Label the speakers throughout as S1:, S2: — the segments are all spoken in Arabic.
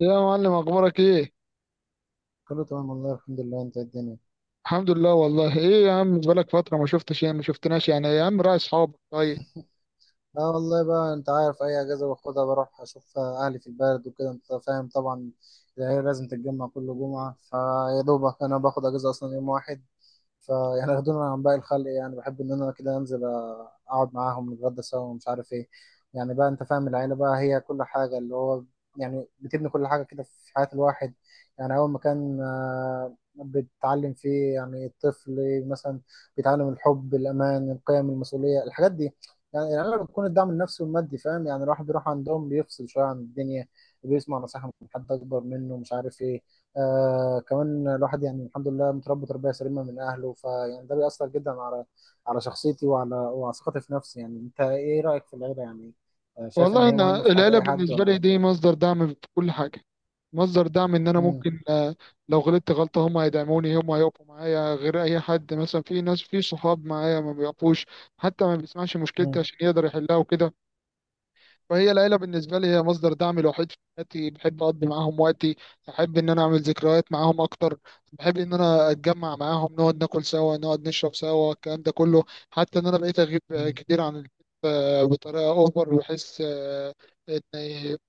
S1: يا معلم، اخبارك ايه؟
S2: كله تمام والله الحمد لله. انت ايه الدنيا؟
S1: الحمد لله والله. ايه يا عم، بقالك فتره ما شفتش، ما شفتناش، يا عم راعي اصحابك طيب.
S2: اه والله، بقى انت عارف اي اجازه باخدها بروح اشوف اهلي في البلد وكده انت فاهم طبعا. العيله لازم تتجمع كل جمعه، فيا دوبك انا باخد اجازه اصلا يوم واحد. فيعني ياخدونا عن باقي الخلق، يعني بحب ان انا كده انزل اقعد معاهم نتغدى سوا ومش عارف ايه. يعني بقى انت فاهم، العيله بقى هي كل حاجه، اللي هو يعني بتبني كل حاجه كده في حياه الواحد. يعني اول مكان بتتعلم فيه، يعني الطفل مثلا بيتعلم الحب الامان القيم المسؤوليه الحاجات دي. يعني العيله بتكون الدعم النفسي والمادي، فاهم؟ يعني الواحد بيروح عندهم بيفصل شويه عن الدنيا، بيسمع نصيحه من حد اكبر منه، مش عارف ايه. آه كمان الواحد يعني الحمد لله متربي تربية سليمة من أهله، فيعني ده بيأثر جدا على شخصيتي وعلى ثقتي في نفسي. يعني أنت إيه رأيك في العيلة؟ يعني آه شايف إن
S1: والله
S2: هي مهمة
S1: انا
S2: في حياة
S1: العيله
S2: أي حد
S1: بالنسبه
S2: ولا
S1: لي
S2: إيه؟
S1: دي مصدر دعم في كل حاجه، مصدر دعم ان انا
S2: مم،
S1: ممكن لو غلطت غلطه هم هيدعموني، هم هيقفوا معايا غير اي حد. مثلا في ناس، في صحاب معايا ما بيقفوش، حتى ما بيسمعش مشكلتي
S2: مم،
S1: عشان يقدر يحلها وكده. فهي العيلة بالنسبة لي هي مصدر دعم الوحيد في حياتي. بحب أقضي معاهم وقتي، بحب إن أنا أعمل ذكريات معاهم أكتر، بحب إن أنا أتجمع معاهم، نقعد ناكل سوا، نقعد نشرب سوا، الكلام ده كله. حتى إن أنا بقيت أغيب
S2: مم،
S1: كتير عن البيت بطريقة أوفر. بحس إن،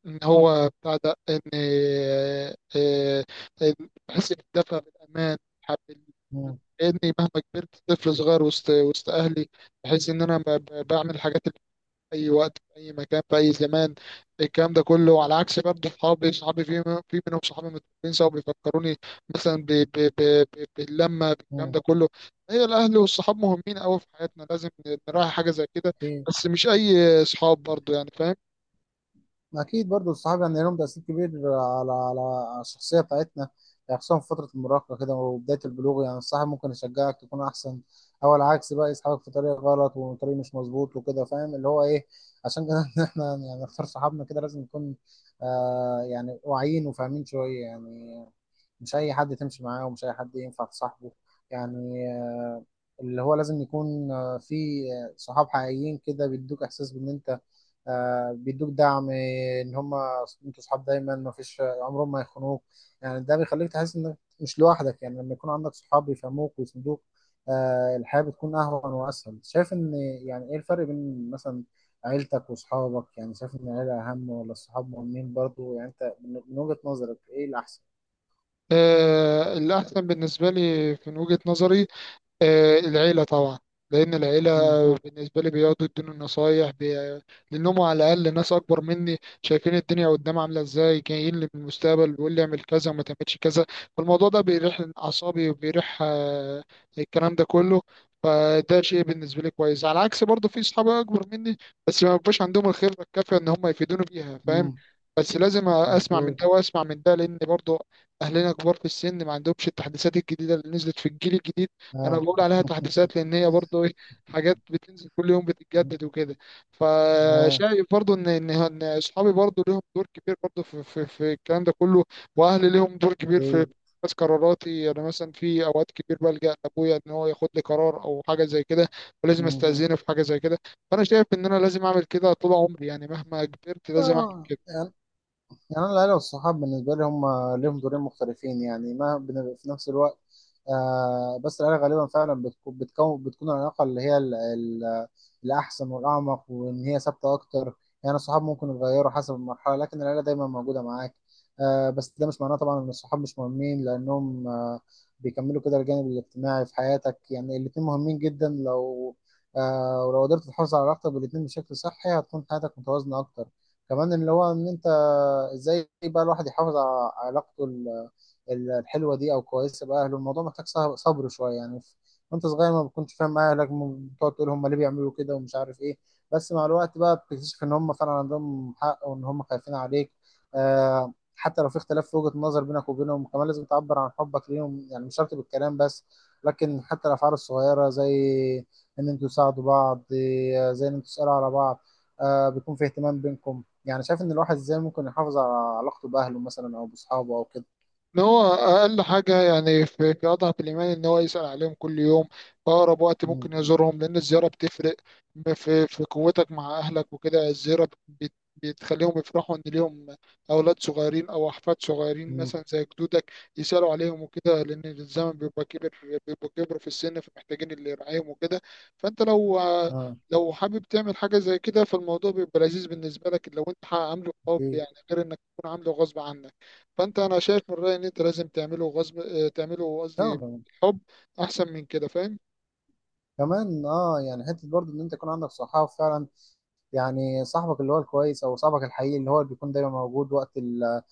S1: إن هو بتاع ده إن آه، آه، إن بحس بالدفء، بالأمان،
S2: مم،
S1: إني مهما كبرت طفل صغير وسط أهلي. بحس إن أنا بعمل الحاجات اي وقت، في اي مكان، في اي زمان، الكلام ده كله. على عكس برضه صحابي، صحابي في في منهم صحابي متفقين سوا بيفكروني مثلا باللمه، بالكلام
S2: مم.
S1: ده كله. هي الاهل والصحاب مهمين قوي في حياتنا، لازم نراعي حاجه زي كده.
S2: أكيد.
S1: بس مش اي صحاب برضه، يعني فاهم.
S2: أكيد، برضو الصحاب يعني لهم تأثير كبير على الشخصية بتاعتنا. يعني خصوصا في فترة المراهقة كده وبداية البلوغ، يعني الصاحب ممكن يشجعك تكون أحسن، أو العكس بقى يسحبك في طريق غلط وطريق مش مظبوط وكده، فاهم اللي هو إيه. عشان كده إحنا يعني نختار صحابنا كده، لازم نكون آه يعني واعيين وفاهمين شوية يعني. مش أي حد تمشي معاه ومش أي حد ينفع تصاحبه. يعني اللي هو لازم يكون في صحاب حقيقيين كده بيدوك احساس بان انت بيدوك دعم، ان هم انتوا صحاب دايما ما فيش عمرهم ما يخونوك. يعني ده بيخليك تحس انك مش لوحدك، يعني لما يكون عندك صحاب بيفهموك ويسندوك. الحياة بتكون اهون واسهل. شايف ان يعني ايه الفرق بين مثلا عيلتك وصحابك؟ يعني شايف ان العيلة اهم ولا الصحاب مهمين برضو؟ يعني انت من وجهة نظرك ايه الاحسن؟
S1: الاحسن بالنسبه لي من وجهه نظري العيلة طبعا. لأن العيلة
S2: امم،
S1: بالنسبة لي بيقعدوا يدوني النصايح لأنهم على الأقل ناس أكبر مني، شايفين الدنيا قدام عاملة إزاي، جايين لي من المستقبل بيقول لي اعمل كذا وما تعملش كذا. فالموضوع ده بيريح أعصابي وبيريح الكلام ده كله. فده شيء بالنسبة لي كويس. على عكس برضه في أصحاب أكبر مني بس ما بيبقاش عندهم الخبرة الكافية إن هم يفيدوني بيها، فاهم.
S2: امم،
S1: بس لازم أسمع من
S2: مظبوط،
S1: ده وأسمع من ده، لأن برضه أهلنا كبار في السن ما عندهمش التحديثات الجديدة اللي نزلت في الجيل الجديد. انا
S2: اه،
S1: بقول عليها تحديثات لان هي برضه ايه، حاجات بتنزل كل يوم، بتتجدد وكده.
S2: اه،
S1: فشايف برضه ان إن اصحابي برضه ليهم دور كبير برضه في الكلام ده كله، واهلي ليهم دور كبير في
S2: اوكي،
S1: بس قراراتي انا. مثلا في اوقات كتير بلجأ لابويا ان هو ياخد لي قرار او حاجه زي كده، ولازم
S2: مم.
S1: استأذنه في حاجه زي كده. فانا شايف ان انا لازم اعمل كده طول عمري، يعني مهما كبرت لازم اعمل
S2: اه
S1: كده.
S2: يعني، يعني أنا العيلة والصحاب بالنسبة لي هم ليهم دورين مختلفين، يعني ما بن- في نفس الوقت. آه بس العيلة غالبا فعلا بتكون العلاقة اللي هي الأحسن والأعمق، وإن هي ثابتة أكتر. يعني الصحاب ممكن يتغيروا حسب المرحلة، لكن العيلة دايما موجودة معاك. آه بس ده مش معناه طبعا إن الصحاب مش مهمين، لأنهم آه بيكملوا كده الجانب الاجتماعي في حياتك. يعني الاتنين مهمين جدا، لو آه، ولو قدرت تحافظ على علاقتك بالاتنين بشكل صحي هتكون حياتك متوازنة أكتر. كمان اللي هو ان انت ازاي بقى الواحد يحافظ على علاقته الحلوه دي او كويسه باهله؟ الموضوع محتاج صبر شويه، يعني وانت صغير ما بتكونش فاهم اهلك، بتقعد تقول هم ليه بيعملوا كده ومش عارف ايه. بس مع الوقت بقى بتكتشف ان هم فعلا عندهم حق وان هم خايفين عليك. آه حتى لو في اختلاف في وجهه النظر بينك وبينهم كمان لازم تعبر عن حبك ليهم، يعني مش شرط بالكلام بس، لكن حتى الافعال الصغيره، زي ان انتوا تساعدوا بعض، زي ان انتوا تسالوا على بعض، آه بيكون في اهتمام بينكم. يعني شايف ان الواحد ازاي ممكن يحافظ على علاقته باهله مثلا او باصحابه او كده؟
S1: ان هو اقل حاجه يعني، في في اضعف الايمان ان هو يسال عليهم كل يوم، في اقرب وقت
S2: امم،
S1: ممكن يزورهم، لان الزياره بتفرق في قوتك مع اهلك وكده. الزياره بتخليهم يفرحوا ان ليهم اولاد صغيرين او احفاد صغيرين
S2: امم،
S1: مثلا زي جدودك يسالوا عليهم وكده، لان الزمن بيبقى كبر، بيبقى كبر في السن، فمحتاجين اللي يرعاهم وكده. فانت لو،
S2: اه،
S1: لو حابب تعمل حاجه زي كده فالموضوع بيبقى لذيذ بالنسبه لك لو انت عامله حب،
S2: ايه،
S1: يعني غير انك تكون عامله غصب عنك. فانت انا شايف من رايي ان انت لازم تعمله غصب آه، تعمله قصدي
S2: فعلا.
S1: حب، احسن من كده فاهم.
S2: كمان اه يعني حته برضه ان انت يكون عندك صحاب فعلا، يعني صاحبك اللي هو الكويس او صاحبك الحقيقي اللي هو اللي بيكون دايما موجود وقت ال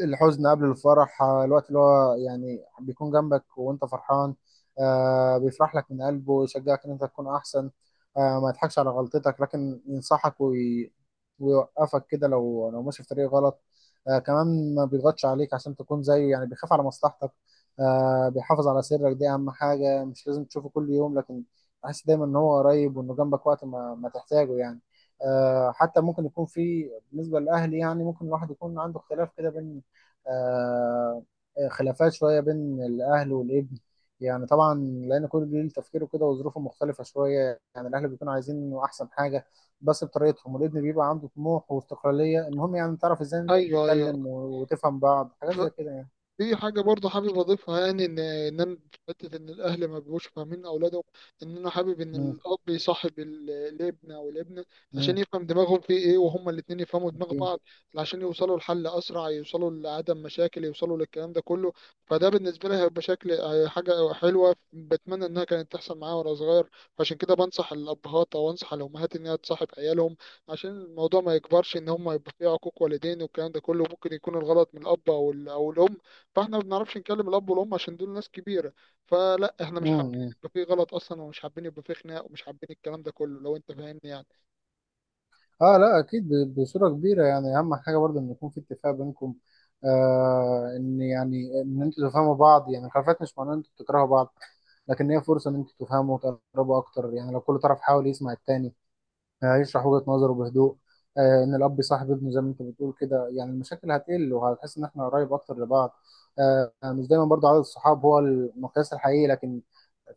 S2: الحزن قبل الفرح. الوقت اللي هو يعني بيكون جنبك وانت فرحان، بيفرح لك من قلبه، يشجعك ان انت تكون احسن، ما يضحكش على غلطتك، لكن ينصحك ويوقفك كده لو لو ماشي في طريق غلط. كمان ما بيضغطش عليك عشان تكون زيه، يعني بيخاف على مصلحتك، بيحافظ على سرك، دي اهم حاجة. مش لازم تشوفه كل يوم، لكن تحس دايما ان هو قريب وانه جنبك وقت ما تحتاجه يعني. حتى ممكن يكون في، بالنسبة للأهل، يعني ممكن الواحد يكون عنده اختلاف كده بين آه، خلافات شوية بين الأهل والابن، يعني طبعا لأن كل جيل تفكيره كده وظروفه مختلفة شوية. يعني الأهل بيكونوا عايزين إنه أحسن حاجة بس بطريقتهم، والابن بيبقى عنده طموح واستقلالية. المهم يعني تعرف إزاي أنت
S1: ايوه.
S2: تتكلم وتفهم بعض حاجات زي كده يعني.
S1: في حاجة برضه حابب أضيفها، يعني إن أنا في حتة إن الأهل ما بيبقوش فاهمين أولادهم. إن أنا حابب إن
S2: مم،
S1: الأب يصاحب الابن أو الابنة
S2: مم،
S1: عشان يفهم دماغهم في إيه وهما الاتنين يفهموا دماغ
S2: أكيد.
S1: بعض، عشان يوصلوا لحل أسرع، يوصلوا لعدم مشاكل، يوصلوا للكلام ده كله. فده بالنسبة لي هيبقى شكل، هي حاجة حلوة بتمنى إنها كانت تحصل معايا وأنا صغير. فعشان كده بنصح الأبهات أو أنصح الأمهات إنها تصاحب عيالهم عشان الموضوع ما يكبرش إن هما يبقى فيه عقوق والدين والكلام ده كله. ممكن يكون الغلط من الأب أو الأم، فاحنا ما بنعرفش نكلم الاب والام عشان دول ناس كبيره. فلا، احنا مش حابين
S2: مم،
S1: يبقى في غلط اصلا، ومش حابين يبقى في خناق، ومش حابين الكلام ده كله، لو انت فاهمني يعني.
S2: اه لا اكيد بصوره كبيره، يعني اهم حاجه برضه ان يكون في اتفاق بينكم. آه ان يعني ان انتوا تفهموا بعض، يعني الخلافات مش معناه ان انتوا بتكرهوا بعض، لكن هي فرصه ان انتوا تفهموا وتقربوا اكتر. يعني لو كل طرف حاول يسمع التاني هيشرح وجهة نظره بهدوء. ان الاب يصاحب ابنه زي ما انت بتقول كده، يعني المشاكل هتقل وهتحس ان احنا قريب اكتر لبعض. مش دايما برضه عدد الصحاب هو المقياس الحقيقي، لكن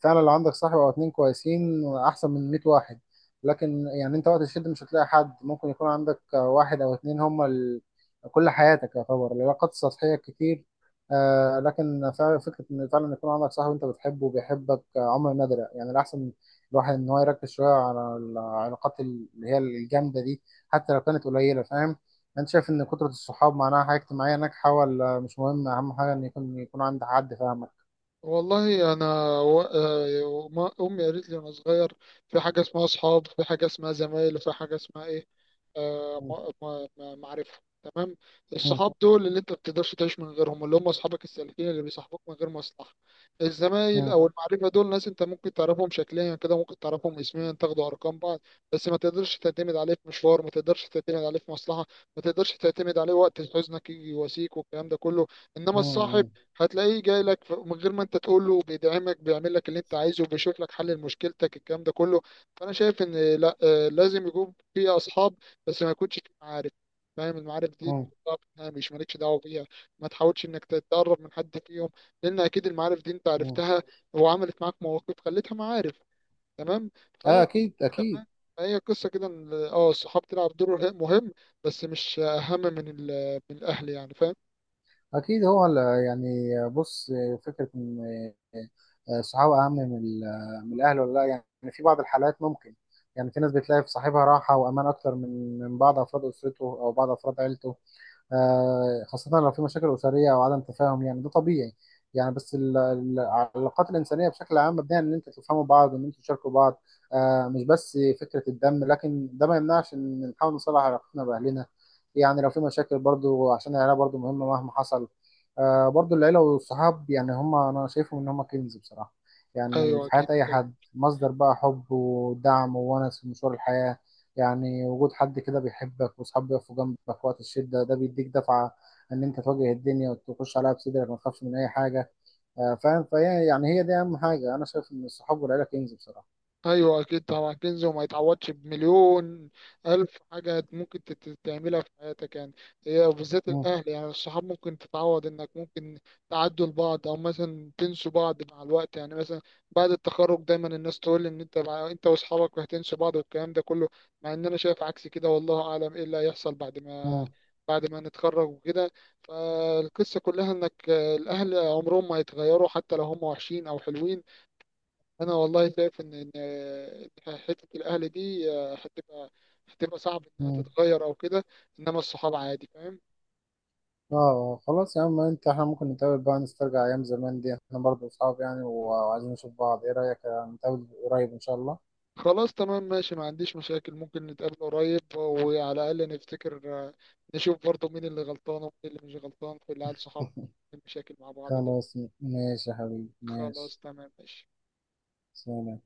S2: فعلا لو عندك صاحب او اتنين كويسين احسن من 100 واحد. لكن يعني انت وقت الشد مش هتلاقي حد، ممكن يكون عندك واحد او اتنين هم كل حياتك. يعتبر العلاقات السطحية كتير. آه لكن فعلا فكرة ان فعلا يكون عندك صاحب انت بتحبه وبيحبك عمر نادرة. يعني الاحسن الواحد ان هو يركز شوية على العلاقات اللي هي الجامدة دي حتى لو كانت قليلة، فاهم. انت شايف ان كثرة الصحاب معناها حاجة اجتماعية ناجحة ولا مش مهم؟ اهم حاجة ان يكون يكون عند حد فاهمك.
S1: والله انا امي قالت لي وانا صغير في حاجه اسمها اصحاب، في حاجه اسمها زمايل، وفي حاجه اسمها ايه آه،
S2: مم.
S1: ما- ما- ما- معرفه، تمام.
S2: مم.
S1: الصحاب دول اللي انت ما بتقدرش تعيش من غيرهم، اللي هم اصحابك السالكين اللي بيصاحبوك من غير مصلحه. الزمايل
S2: مم.
S1: او المعرفه دول ناس انت ممكن تعرفهم شكليا كده، ممكن تعرفهم اسميا، تاخدوا ارقام بعض، بس ما تقدرش تعتمد عليه في مشوار، ما تقدرش تعتمد عليه في مصلحه، ما تقدرش تعتمد عليه وقت حزنك يجي يواسيك والكلام ده كله. انما الصاحب
S2: مم.
S1: هتلاقيه جاي لك من غير ما انت تقول له، بيدعمك، بيعمل لك اللي انت عايزه، وبيشوف لك حل لمشكلتك، الكلام ده كله. فانا شايف ان لا آه، لازم يكون في اصحاب بس ما يكونش في معارف، فاهم. المعارف دي
S2: مم.
S1: تحطها في الهامش، مالكش دعوه بيها، ما تحاولش انك تتقرب من حد فيهم، لان اكيد المعارف دي انت
S2: مم.
S1: عرفتها وعملت معاك مواقف خلتها معارف، تمام.
S2: اه
S1: فهي
S2: اكيد
S1: كده
S2: اكيد.
S1: فاهم؟ فهي قصه كده ان الصحاب تلعب دور مهم، بس مش اهم من من الاهل، يعني فاهم.
S2: اكيد هو يعني. بص، فكرة ان الصحاب اهم من الاهل ولا لا يعني، في بعض الحالات ممكن. يعني في ناس بتلاقي في صاحبها راحة وامان اكتر من بعض افراد اسرته او بعض افراد عيلته، خاصة لو في مشاكل أسرية أو عدم تفاهم، يعني ده طبيعي. يعني بس العلاقات الإنسانية بشكل عام مبنية على إن أنتوا تفهموا بعض وإن أنتوا تشاركوا بعض، مش بس فكرة الدم. لكن ده ما يمنعش إن نحاول نصلح علاقتنا بأهلنا، يعني لو في مشاكل، برضو عشان العيلة برضو مهمة مهما حصل. برضو العيلة والصحاب يعني هما أنا شايفهم إن هما كنز بصراحة، يعني
S1: ايوه
S2: في حياة
S1: اكيد
S2: أي حد مصدر بقى حب ودعم وونس في مشوار الحياة. يعني وجود حد كده بيحبك واصحاب بيقفوا جنبك وقت الشدة ده بيديك دفعة ان انت تواجه الدنيا وتخش عليها بصدرك ما تخافش من اي حاجة. فاهم. فهي يعني هي دي اهم حاجة، انا شايف ان الصحاب والعيلة كنز بصراحة.
S1: ايوه اكيد طبعا، كنز وما يتعوضش بمليون الف حاجه ممكن تعملها في حياتك، يعني هي بالذات
S2: مم.
S1: الاهل. يعني الصحاب ممكن تتعوض، انك ممكن تعدوا لبعض او مثلا تنسوا بعض مع الوقت، يعني مثلا بعد التخرج دايما الناس تقول ان انت انت واصحابك هتنسوا بعض والكلام ده كله، مع ان انا شايف عكس كده، والله اعلم ايه اللي هيحصل بعد ما،
S2: مم.
S1: بعد ما نتخرج وكده. فالقصة كلها انك الاهل عمرهم ما هيتغيروا حتى لو هم وحشين او حلوين. انا والله شايف ان حته الاهل دي هتبقى، هتبقى صعب انها
S2: مم.
S1: تتغير او كده، انما الصحاب عادي فاهم.
S2: اه خلاص يا عم انت، احنا ممكن نتقابل بقى نسترجع ايام زمان دي، احنا برضه اصحاب يعني وعايزين نشوف بعض، ايه رأيك؟ نتقابل قريب ان شاء الله.
S1: خلاص تمام ماشي، ما عنديش مشاكل، ممكن نتقابل قريب وعلى الاقل نفتكر، نشوف برضه مين اللي غلطان ومين اللي مش غلطان في العيال صحاب المشاكل مع بعض دول.
S2: خلاص ماشي يا حبيبي ماشي.
S1: خلاص تمام ماشي.
S2: سلام.